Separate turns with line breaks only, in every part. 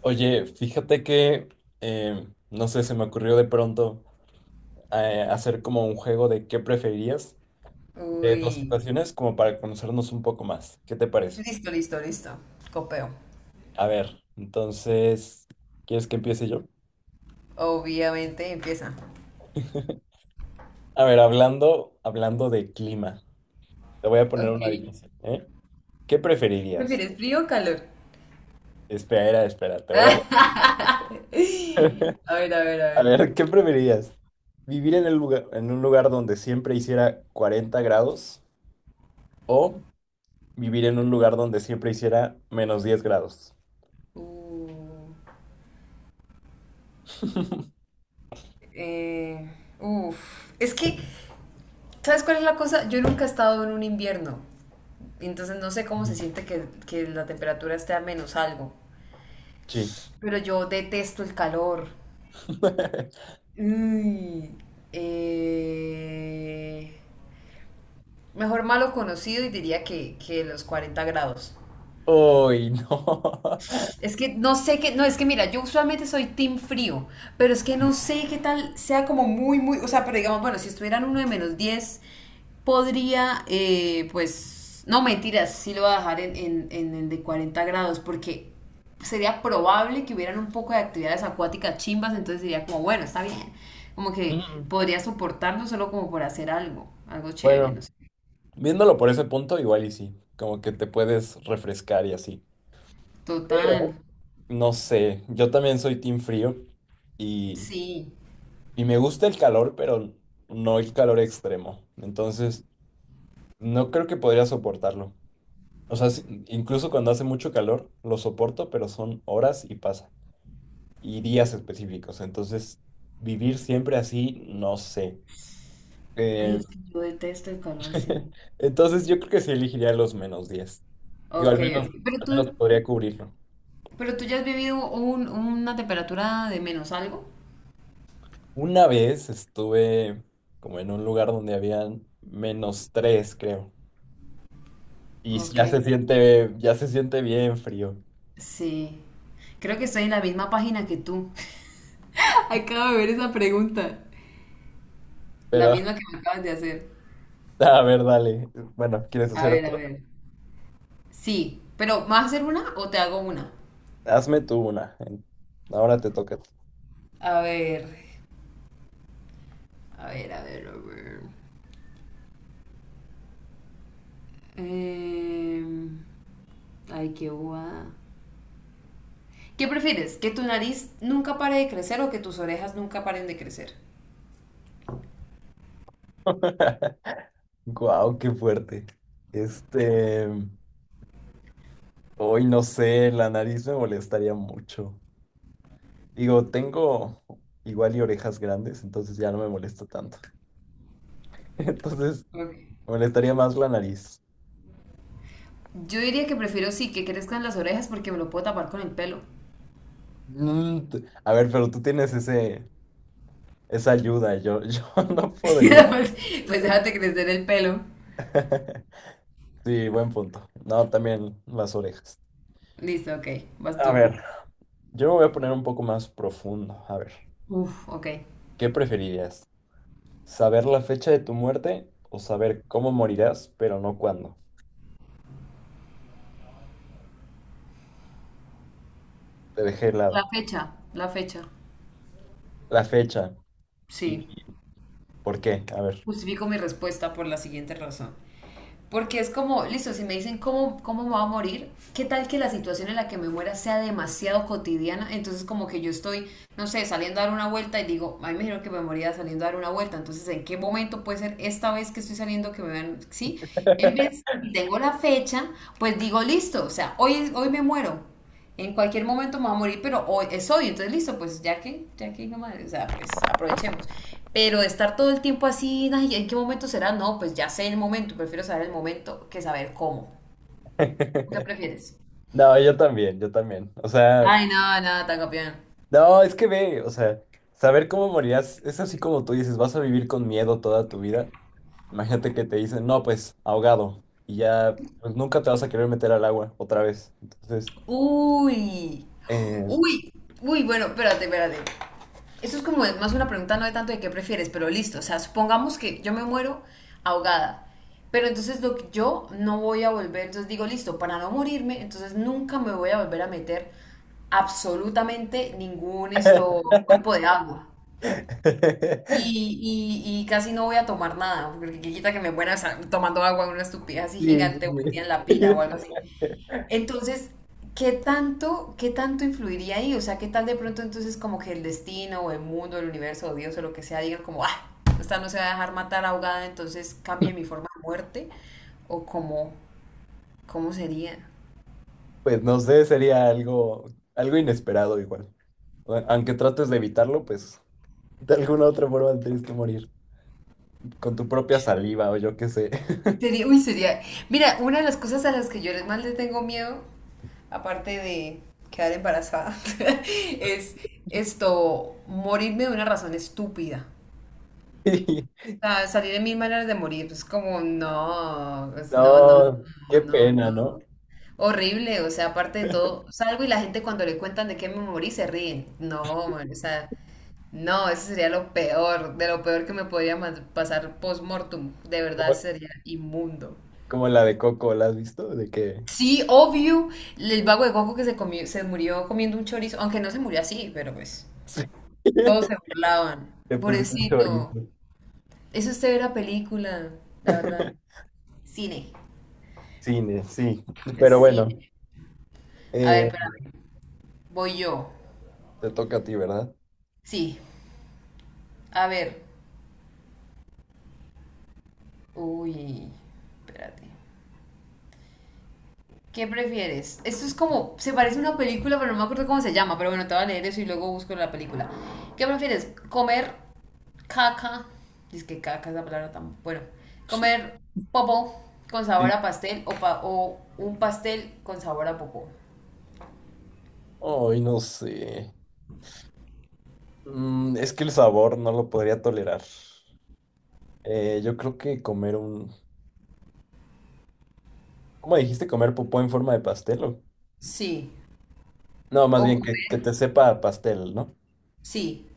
Oye, fíjate que, no sé, se me ocurrió de pronto hacer como un juego de qué preferirías de dos
Uy.
situaciones como para conocernos un poco más. ¿Qué te parece?
Listo, listo, listo. Copeo.
A ver, entonces, ¿quieres que empiece yo?
Obviamente empieza.
A ver, hablando de clima, te voy a poner
Ok.
una
¿Qué
difícil, ¿eh? ¿Qué preferirías?
¿Prefieres frío o calor?
Espera, espera, te voy a...
A ver, a ver, a
A
ver.
ver, ¿qué preferirías? ¿Vivir en un lugar donde siempre hiciera 40 grados o vivir en un lugar donde siempre hiciera -10 grados?
Uh, eh, uf. Es que, ¿sabes cuál es la cosa? Yo nunca he estado en un invierno. Entonces no sé cómo se
Mm.
siente que la temperatura esté a menos algo.
Sí.
Pero yo detesto el calor. Uy. Eh, Mejor malo conocido y diría que los 40 grados.
Uy, no.
Es que no sé qué, no, es que mira, yo usualmente soy team frío, pero es que
mm,
no sé qué tal sea como o sea, pero digamos, bueno, si estuvieran uno de menos 10 podría, pues, no mentiras, sí lo voy a dejar en el de 40 grados, porque sería probable que hubieran un poco de actividades acuáticas chimbas, entonces diría como, bueno, está bien, como que
mm.
podría soportarlo solo como por hacer algo, algo chévere,
Bueno,
no sé.
viéndolo por ese punto, igual y sí. Como que te puedes refrescar y así.
Total,
Pero, no sé, yo también soy team frío y,
sí.
y me gusta el calor, pero no el calor extremo. Entonces, no creo que podría soportarlo. O sea, incluso cuando hace mucho calor, lo soporto, pero son horas y pasa, y días específicos. Entonces, vivir siempre así, no sé.
Ay,
Eh,
es que yo detesto el calor, sí.
entonces, yo creo que sí elegiría los menos 10. Digo,
Ok, ok.
al menos podría cubrirlo.
Pero tú ya has vivido una temperatura de menos algo.
Una vez estuve como en un lugar donde habían -3, creo. Y
Ok.
ya se siente bien frío.
Sí. Creo que estoy en la misma página que tú. Acabo de ver esa pregunta. La
Pero,
misma que me acabas de hacer.
a ver, dale. Bueno, ¿quieres
A
hacer
ver, a
otro?
ver. Sí, pero ¿me vas a hacer una o te hago una?
Hazme tú una. Ahora te toca.
A ver, a ver, a ver, a ver. Em, ay, qué guada. ¿Qué prefieres? ¿Que tu nariz nunca pare de crecer o que tus orejas nunca paren de crecer?
Guau, qué fuerte. Este. Hoy no sé, la nariz me molestaría mucho. Digo, tengo igual y orejas grandes, entonces ya no me molesta tanto. Entonces,
Ok.
me molestaría más la nariz.
Yo diría que prefiero sí que crezcan las orejas porque me lo puedo tapar con el pelo.
Mm, a ver, pero tú tienes esa ayuda, yo, yo no podría.
Pues, pues déjate crecer el pelo.
Sí, buen punto. No, también las orejas.
Listo, ok, vas
A
tú.
ver, yo me voy a poner un poco más profundo. A ver,
Uf, ok.
¿qué preferirías? ¿Saber la fecha de tu muerte o saber cómo morirás, pero no cuándo? Te dejé
La
helada.
fecha, la fecha.
La fecha.
Sí.
¿Por qué? A ver.
Justifico mi respuesta por la siguiente razón. Porque es como, listo, si me dicen cómo me voy a morir, ¿qué tal que la situación en la que me muera sea demasiado cotidiana? Entonces como que yo estoy, no sé, saliendo a dar una vuelta y digo, ay, me dijeron que me moría saliendo a dar una vuelta. Entonces, ¿en qué momento puede ser esta vez que estoy saliendo que me vean? Sí, en vez, si tengo la fecha, pues digo, listo, o sea, hoy me muero en cualquier momento me va a morir, pero hoy es hoy, entonces listo, pues ya que hijo de o sea, pues aprovechemos. Pero estar todo el tiempo así, "Ay, ¿en qué momento será? No, pues ya sé el momento, prefiero saber el momento que saber cómo. ¿Tú ¿Qué prefieres?
No, yo también, yo también. O sea,
Ay, no, no, tan campeón.
no, es que ve, o sea, saber cómo morirás es así como tú dices, vas a vivir con miedo toda tu vida. Imagínate que te dicen, no, pues ahogado, y ya pues, nunca te vas a querer meter al agua otra vez. Entonces,
Uy,
eh...
uy, uy, bueno, espérate, espérate. Eso es como más una pregunta no de tanto de qué prefieres, pero listo. O sea, supongamos que yo me muero ahogada. Pero entonces lo que yo no voy a volver, entonces digo, listo, para no morirme, entonces nunca me voy a volver a meter absolutamente ningún esto, cuerpo de agua. Y casi no voy a tomar nada, porque qué quita que me muera tomando agua una estupidez así
sí, sí,
gigante o metida en la
sí.
pila o algo así. Entonces, ¿qué tanto influiría ahí? O sea, ¿qué tal de pronto entonces como que el destino o el mundo, el universo o Dios o lo que sea digan como, ah, esta no se va a dejar matar ahogada, entonces cambie mi forma de muerte? ¿O cómo, ¿cómo sería?
Pues no sé, sería algo, algo inesperado igual. Aunque trates de evitarlo, pues de alguna otra forma tienes que morir con tu propia saliva o yo qué sé.
Sería. Mira, una de las cosas a las que yo más le tengo miedo, aparte de quedar embarazada, es esto, morirme de una razón estúpida.
Y,
Sea, salir en mil maneras de morir, es como, no, pues, no, no,
no,
no,
qué
no,
pena,
no.
¿no?
Horrible, o sea, aparte de todo, salgo y la gente cuando le cuentan de qué me morí se ríen. No, man, o sea, no, eso sería lo peor, de lo peor que me podría pasar post-mortem. De verdad
Como,
sería inmundo.
como la de Coco, ¿la has visto? De que
Sí, obvio, el vago de Goku que se murió comiendo un chorizo, aunque no se murió así, pero pues,
sí,
todos se burlaban.
te pusieron
Pobrecito,
chorizo.
eso es usted ver la película, la verdad. Cine,
Cine, sí.
es
Pero bueno,
cine. A ver,
eh,
espérame. Voy yo.
te toca a ti, ¿verdad?
Sí. A ver. Uy. Espérate. ¿Qué prefieres? Esto es como. Se parece a una película, pero no me acuerdo cómo se llama. Pero bueno, te voy a leer eso y luego busco la película. ¿Qué prefieres? ¿Comer caca? Dice que caca es la palabra tan. Bueno. ¿Comer popó con sabor
Sí.
a pastel o un pastel con sabor a popó?
Ay, no sé. Mm, es que el sabor no lo podría tolerar. Yo creo que comer un... ¿Cómo dijiste? ¿Comer popó en forma de pastel o?
Sí.
No, más
¿O
bien
comer?
que te sepa a pastel, ¿no?
Sí.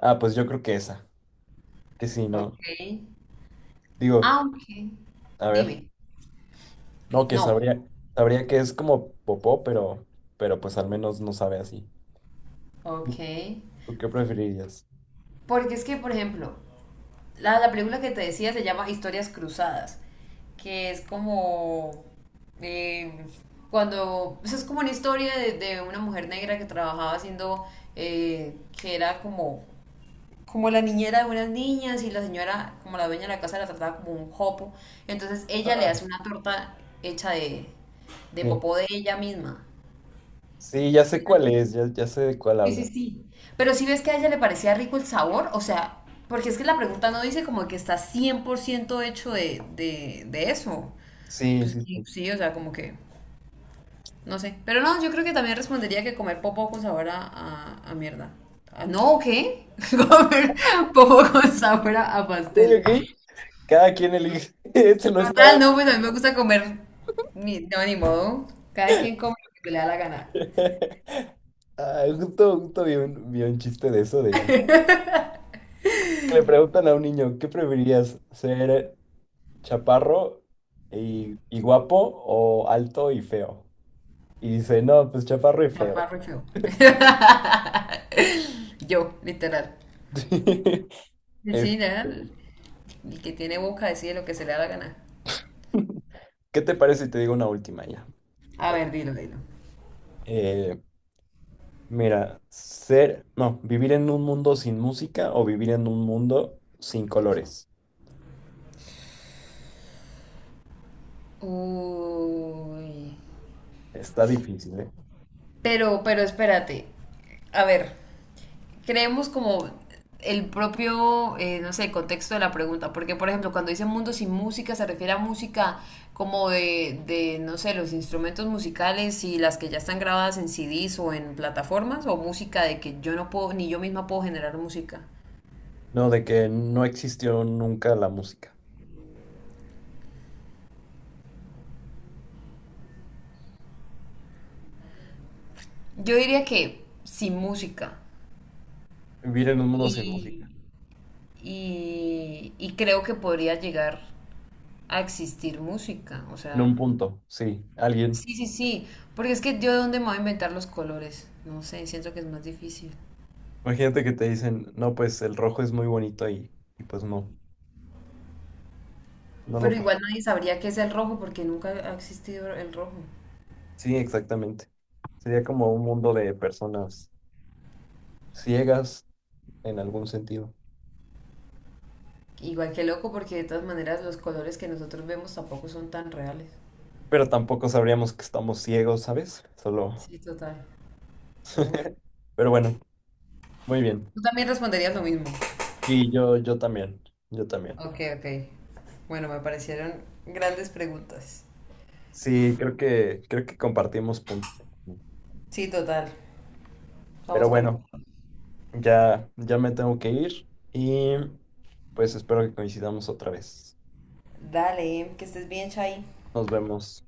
Ah, pues yo creo que esa. Que sí, no.
Ok.
Digo,
Ah, ok.
a ver,
Dime.
no, que
No.
sabría, sabría que es como popó, pero pues al menos no sabe así.
Ok.
¿Tú, tú qué preferirías?
Porque es que, por ejemplo, la película que te decía se llama Historias Cruzadas, que es como... eh, cuando... o sea, es como una historia de una mujer negra que trabajaba haciendo... que era como... como la niñera de unas niñas y la señora, como la dueña de la casa, la trataba como un jopo. Entonces ella le hace una torta hecha de
Sí,
popó de ella misma.
sí, ya sé cuál es, ya, ya sé de cuál
Sí, sí,
habla.
sí. Pero si ves que a ella le parecía rico el sabor, o sea, porque es que la pregunta no dice como que está 100% hecho de eso.
Sí, sí, sí.
Pues sí, o sea, como que, no sé. Pero no, yo creo que también respondería que comer popó con sabor a mierda. Ah, no, ¿qué? Comer popó con sabor a
Ok,
pastel.
ok. Cada quien elige. Ese no
Total,
estaba.
no, pues a mí me gusta comer, no, ni modo. Cada quien come lo que le da la gana.
Ah, justo, justo vi vi un chiste de eso de. Le preguntan a un niño, ¿qué preferirías? ¿Ser chaparro y guapo o alto y feo? Y dice, no, pues chaparro y feo.
Chaparro y feo. Yo, literal. Sí,
Este,
ya, el que tiene boca decide lo que se le da la gana.
¿qué te parece si te digo una última ya?
A
A ver.
ver, dilo, dilo.
Eh, mira, no, vivir en un mundo sin música o vivir en un mundo sin colores.
Uy.
Está difícil, ¿eh?
Pero espérate. A ver, creemos como el propio, no sé, contexto de la pregunta. Porque, por ejemplo, cuando dice mundo sin música, se refiere a música como no sé, los instrumentos musicales y las que ya están grabadas en CDs o en plataformas, o música de que yo no puedo, ni yo misma puedo generar música.
No, de que no existió nunca la música.
Yo diría que sin música.
Vivir en un mundo sin música.
Y creo que podría llegar a existir música, o
En
sea,
un punto, sí. Alguien.
sí, sí, sí, porque es que yo de dónde me voy a inventar los colores, no sé, siento que es más difícil.
Imagínate que te dicen, no, pues el rojo es muy bonito y pues no, no lo
Pero
puedes.
igual nadie sabría qué es el rojo porque nunca ha existido el rojo.
Sí, exactamente. Sería como un mundo de personas ciegas en algún sentido.
Igual que loco porque de todas maneras los colores que nosotros vemos tampoco son tan reales.
Pero tampoco sabríamos que estamos ciegos, ¿sabes? Solo.
Sí, total. Uf.
Pero bueno, muy bien.
Tú también responderías lo mismo.
Y yo también, yo también.
Ok, ok. Bueno, me parecieron grandes preguntas.
Sí, creo que compartimos puntos.
Sí, total.
Pero
Vamos con...
bueno, ya, ya me tengo que ir y pues espero que coincidamos otra vez.
Dale, que estés bien, Chay.
Nos vemos.